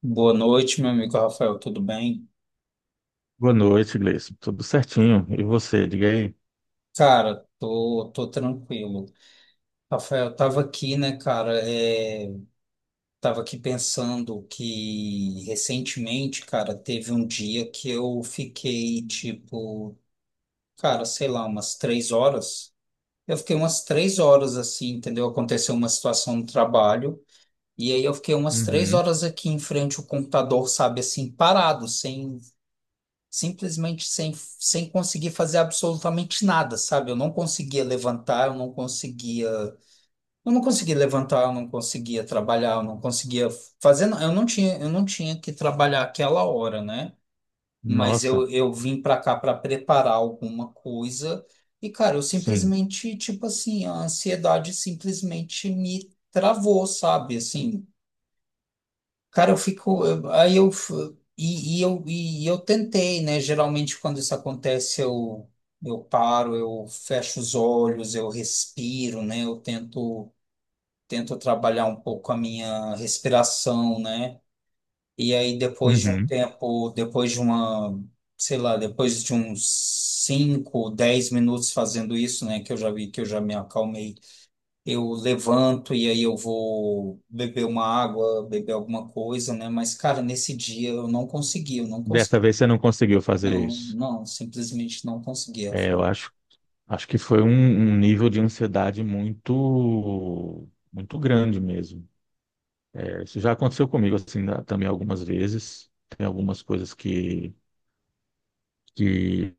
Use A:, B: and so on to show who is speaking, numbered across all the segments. A: Boa noite, meu amigo Rafael, tudo bem?
B: Boa noite, Gleison. Tudo certinho. E você, diga aí.
A: Cara, tô tranquilo. Rafael, tava aqui, né, cara, tava aqui pensando que recentemente, cara, teve um dia que eu fiquei, tipo, cara, sei lá, umas 3 horas. Eu fiquei umas 3 horas assim, entendeu? Aconteceu uma situação no trabalho, e aí eu fiquei umas três
B: Uhum.
A: horas aqui em frente ao computador, sabe, assim, parado, sem simplesmente sem, sem conseguir fazer absolutamente nada, sabe? Eu não conseguia levantar, eu não conseguia levantar, eu não conseguia trabalhar, eu não conseguia fazer, eu não tinha que trabalhar aquela hora, né? Mas
B: Nossa,
A: eu vim para cá para preparar alguma coisa e, cara, eu
B: sim.
A: simplesmente, tipo assim, a ansiedade simplesmente me travou, sabe? Assim, cara, eu fico. Eu- Aí eu. F- E, e eu tentei, né? Geralmente, quando isso acontece, eu paro, eu fecho os olhos, eu respiro, né? Eu tento trabalhar um pouco a minha respiração, né? E aí, depois de um
B: Uhum.
A: tempo, depois de uma. sei lá, depois de uns 5, 10 minutos fazendo isso, né? Que eu já vi que eu já me acalmei, eu levanto e aí eu vou beber uma água, beber alguma coisa, né? Mas, cara, nesse dia eu não consegui, eu não
B: Dessa
A: consegui.
B: vez você não conseguiu fazer
A: Não,
B: isso.
A: não, simplesmente não consegui,
B: É, eu
A: Rafael.
B: acho, acho que foi um nível de ansiedade muito grande mesmo. É, isso já aconteceu comigo assim também algumas vezes. Tem algumas coisas que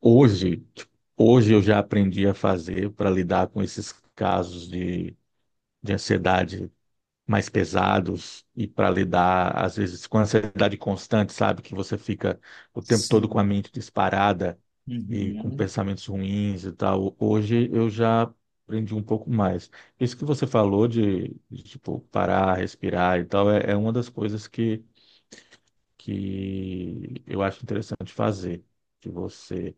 B: hoje eu já aprendi a fazer para lidar com esses casos de ansiedade mais pesados e para lidar, às vezes, com ansiedade constante, sabe? Que você fica o tempo todo com a
A: Sim.
B: mente disparada e com
A: Uhum.
B: pensamentos ruins e tal. Hoje eu já aprendi um pouco mais. Isso que você falou tipo, parar, respirar e tal, é uma das coisas que eu acho interessante fazer. Que você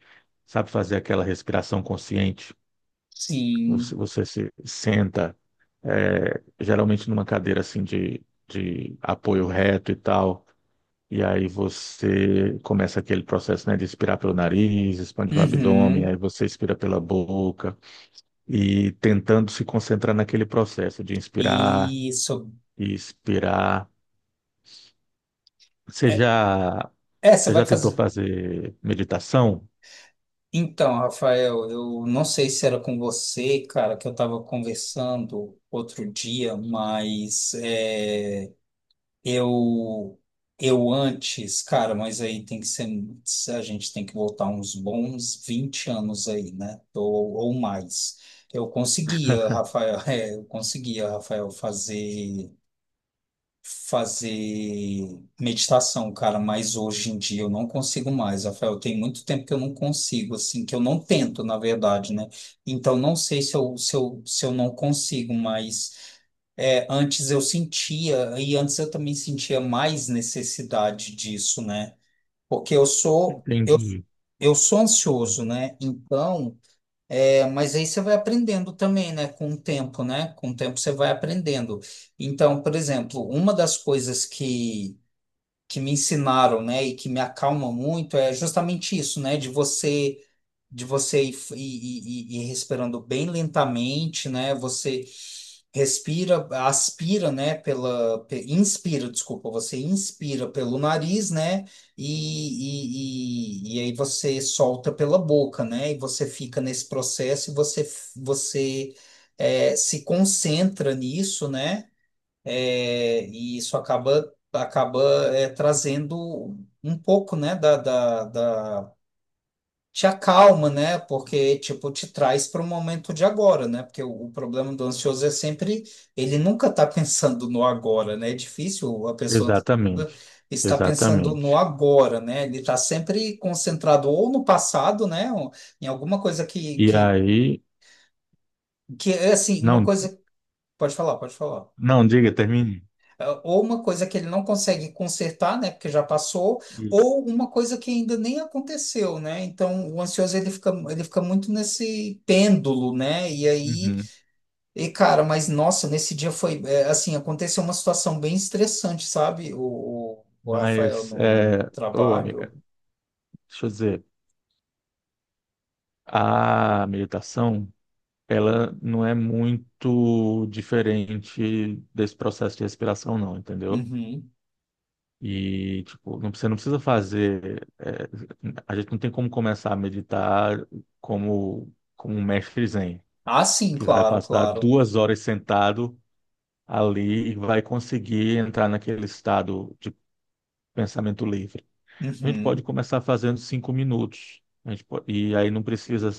B: sabe fazer aquela respiração consciente,
A: Sim.
B: você se senta geralmente numa cadeira assim de apoio reto e tal. E aí você começa aquele processo, né, de expirar pelo nariz, expande no abdômen,
A: Uhum.
B: aí você expira pela boca e tentando se concentrar naquele processo de inspirar
A: Isso.
B: e expirar. Você
A: É,
B: já,
A: você
B: Você
A: vai
B: já tentou
A: fazer.
B: fazer meditação?
A: Então, Rafael, eu não sei se era com você, cara, que eu estava conversando outro dia, mas. Eu, eu antes, cara, mas aí tem que ser, a gente tem que voltar uns bons 20 anos aí, né? Ou mais. Eu conseguia, Rafael, eu conseguia, Rafael, fazer meditação, cara, mas hoje em dia eu não consigo mais, Rafael. Tem muito tempo que eu não consigo, assim, que eu não tento, na verdade, né? Então não sei se eu não consigo mais. É, antes eu sentia, e antes eu também sentia mais necessidade disso, né? Porque eu sou, eu,
B: Entendi.
A: eu sou ansioso, né? Então, mas aí você vai aprendendo também, né? Com o tempo, né? Com o tempo você vai aprendendo. Então, por exemplo, uma das coisas que me ensinaram, né? E que me acalma muito é justamente isso, né? De você ir respirando bem lentamente, né? Você respira, aspira, né, inspira, desculpa, você inspira pelo nariz, né, e aí você solta pela boca, né, e você fica nesse processo e você, você se concentra nisso, né, e isso acaba trazendo um pouco, né, te acalma, né? Porque, tipo, te traz para o momento de agora, né? Porque o problema do ansioso é sempre, ele nunca tá pensando no agora, né? É difícil a pessoa
B: Exatamente,
A: estar pensando no
B: exatamente.
A: agora, né? Ele tá sempre concentrado ou no passado, né? Ou em alguma coisa que,
B: E
A: que,
B: aí,
A: que é assim, uma
B: não,
A: coisa. Pode falar, pode falar.
B: não diga, termine.
A: Ah, ou uma coisa que ele não consegue consertar, né, porque já passou,
B: Isso.
A: ou uma coisa que ainda nem aconteceu, né? Então, o ansioso ele fica muito nesse pêndulo, né? E aí,
B: Uhum.
A: e cara, mas nossa, nesse dia foi, é, assim, aconteceu uma situação bem estressante, sabe? O Rafael
B: Mas,
A: no
B: ô amiga,
A: trabalho.
B: deixa eu dizer, a meditação, ela não é muito diferente desse processo de respiração, não, entendeu?
A: Uhum.
B: E, tipo, não, você não precisa fazer, a gente não tem como começar a meditar como um mestre zen,
A: Ah, sim,
B: que vai
A: claro,
B: passar
A: claro.
B: 2 horas sentado ali e vai conseguir entrar naquele estado de pensamento livre. A gente pode
A: Uhum.
B: começar fazendo 5 minutos. E aí não precisa.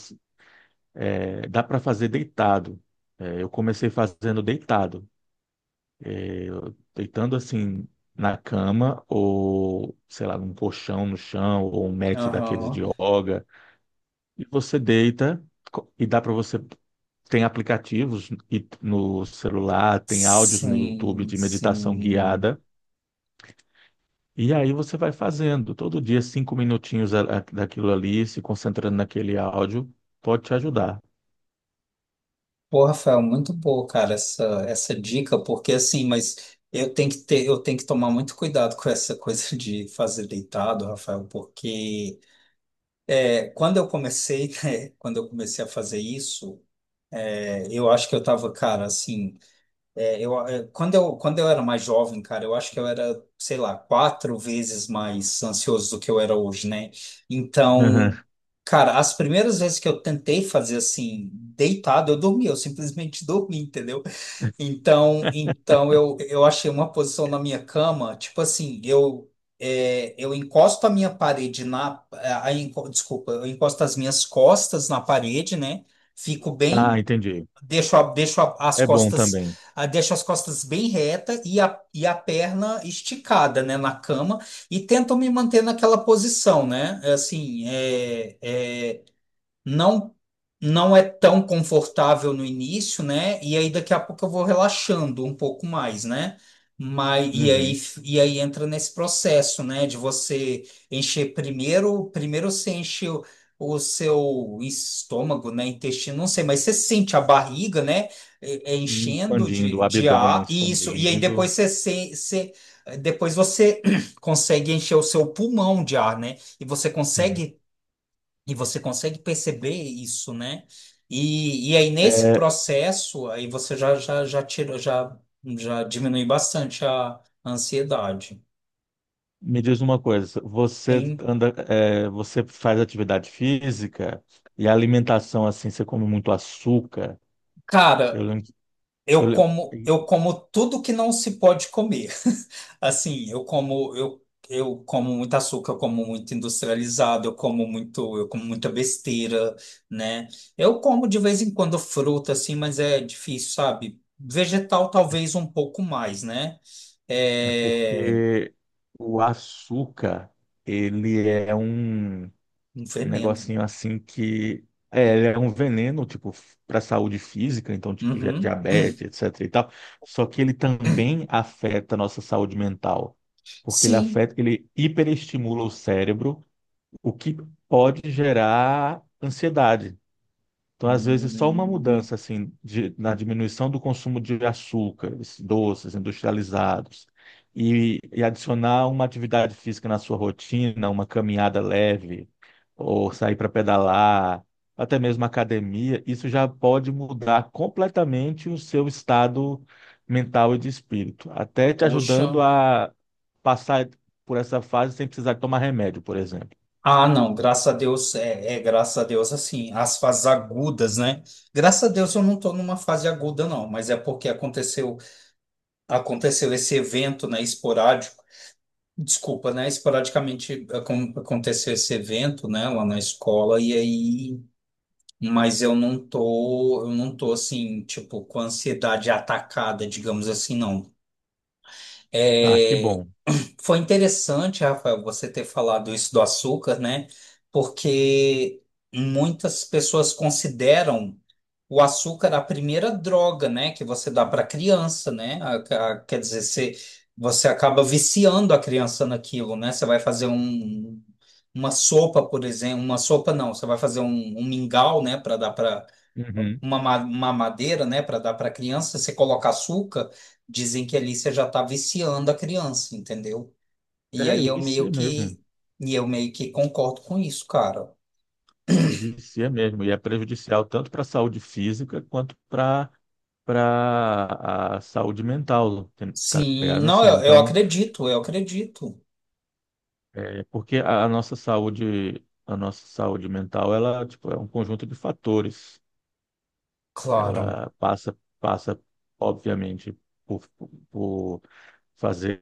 B: Dá para fazer deitado. É, eu comecei fazendo deitado, deitando assim na cama ou, sei lá, num colchão no chão ou um mat daqueles de
A: Aham.
B: yoga. E você deita e dá para você. Tem aplicativos no celular, tem áudios no YouTube
A: Sim,
B: de meditação
A: sim.
B: guiada. E aí você vai fazendo todo dia cinco minutinhos daquilo ali, se concentrando naquele áudio, pode te ajudar.
A: Pô, Rafael, muito boa, cara, essa dica, porque assim, mas eu tenho que ter, eu tenho que tomar muito cuidado com essa coisa de fazer deitado, Rafael, porque quando eu comecei, né, quando eu comecei a fazer isso, eu acho que eu tava, cara, assim, é, eu, é, quando eu era mais jovem, cara, eu acho que eu era, sei lá, quatro vezes mais ansioso do que eu era hoje, né?
B: Uhum.
A: Então, cara, as primeiras vezes que eu tentei fazer assim, deitado, eu dormi, eu simplesmente dormi, entendeu? Então, então eu achei uma posição na minha cama, tipo assim, eu encosto a minha parede na, a enco- desculpa, eu encosto as minhas costas na parede, né? Fico
B: Ah,
A: bem,
B: entendi.
A: deixo, a- deixo a- as
B: É bom
A: costas,
B: também.
A: ah, deixo as costas bem reta e a perna esticada, né, na cama e tento me manter naquela posição, né? Assim, não não é tão confortável no início, né? E aí daqui a pouco eu vou relaxando um pouco mais, né? Mas e aí
B: Uhum.
A: e aí entra nesse processo, né, de você encher primeiro, primeiro você enche o seu estômago, né, intestino, não sei, mas você sente a barriga, né,
B: E
A: enchendo
B: expandindo,
A: de,
B: o
A: de
B: abdômen
A: ar e isso e aí depois
B: expandindo.
A: você, depois você consegue encher o seu pulmão de ar, né?
B: Sim.
A: E você consegue perceber isso, né? E aí, nesse
B: É,
A: processo, aí você já, já tirou, já, já diminui bastante a ansiedade.
B: me diz uma coisa, você
A: Tem,
B: anda, é, você faz atividade física e a alimentação assim, você come muito açúcar. Eu
A: cara,
B: lembro, eu
A: eu
B: lembro-
A: como, eu como tudo que não se pode comer. Assim, eu como, eu como muito açúcar, eu como muito industrializado, eu como muito, eu como muita besteira, né? Eu como de vez em quando fruta, assim, mas é difícil, sabe? Vegetal talvez um pouco mais, né?
B: é
A: É
B: porque o açúcar, ele é um.
A: um
B: Um
A: veneno.
B: negocinho assim que é, ele é um veneno, tipo, para a saúde física, então, tipo, já-
A: Uhum.
B: diabetes, etc e tal. Só que ele também afeta a nossa saúde mental, porque ele
A: Sim.
B: afeta, ele hiperestimula o cérebro, o que pode gerar ansiedade. Então, às vezes, só uma
A: Hum,
B: mudança assim de- na diminuição do consumo de açúcares, doces, industrializados, e adicionar uma atividade física na sua rotina, uma caminhada leve, ou sair para pedalar, até mesmo academia, isso já pode mudar completamente o seu estado mental e de espírito, até te
A: poxa.
B: ajudando a passar por essa fase sem precisar tomar remédio, por exemplo.
A: Ah, não, graças a Deus, graças a Deus, assim, as fases agudas, né? Graças a Deus eu não estou numa fase aguda, não, mas é porque aconteceu, aconteceu esse evento, né, esporádico, desculpa, né, esporadicamente aconteceu esse evento, né, lá na escola, e aí, mas eu não tô, assim, tipo, com ansiedade atacada, digamos assim, não.
B: Ah, que
A: É,
B: bom.
A: foi interessante, Rafael, você ter falado isso do açúcar, né? Porque muitas pessoas consideram o açúcar a primeira droga, né, que você dá para criança, né? Quer dizer, você, você acaba viciando a criança naquilo, né? Você vai fazer um, uma sopa, por exemplo, uma sopa não, você vai fazer um, um mingau, né, para dar para
B: Uhum.
A: uma, uma madeira, né, para dar para criança, você coloca açúcar, dizem que ali você já está viciando a criança, entendeu? E
B: É,
A: aí eu meio
B: vicia mesmo.
A: que e eu meio que concordo com isso, cara.
B: E vicia mesmo, e é prejudicial tanto para a saúde física quanto para a saúde mental, tá
A: Sim,
B: ligado?
A: não,
B: Assim,
A: eu
B: então,
A: acredito, eu acredito.
B: é porque a nossa saúde mental, ela, tipo, é um conjunto de fatores.
A: Claro.
B: Ela passa, obviamente, por, por fazer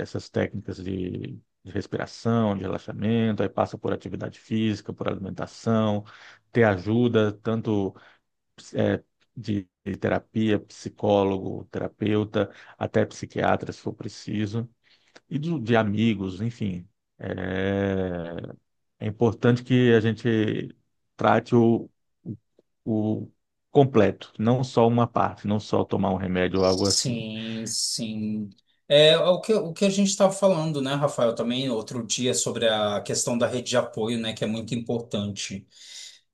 B: essas técnicas de respiração, de relaxamento, aí passa por atividade física, por alimentação, ter ajuda, tanto de terapia, psicólogo, terapeuta, até psiquiatra, se for preciso, e de amigos, enfim. É, é importante que a gente trate o o completo, não só uma parte, não só tomar um remédio ou algo assim.
A: Sim, sim. É o que a gente estava falando, né, Rafael, também outro dia sobre a questão da rede de apoio, né, que é muito importante.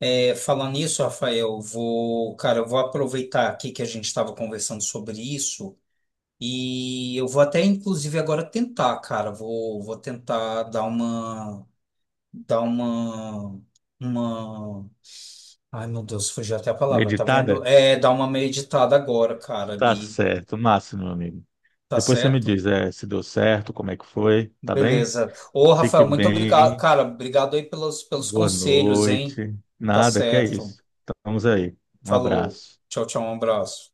A: É, falando nisso, Rafael, vou, cara, eu vou aproveitar aqui que a gente estava conversando sobre isso e eu vou até, inclusive, agora tentar, cara, vou tentar dar uma dá uma, uma, ai meu Deus, fugiu até a palavra, tá vendo?
B: Meditada?
A: É, dá uma meditada agora, cara,
B: Tá
A: bi,
B: certo, massa, meu amigo.
A: tá
B: Depois você me
A: certo?
B: diz, é, se deu certo, como é que foi, tá bem?
A: Beleza. Ô,
B: Fique
A: Rafael, muito obrigado,
B: bem.
A: cara, obrigado aí pelos
B: Boa
A: conselhos, hein?
B: noite.
A: Tá
B: Nada, que é
A: certo.
B: isso. Estamos aí. Um
A: Falou.
B: abraço.
A: Tchau, tchau, um abraço.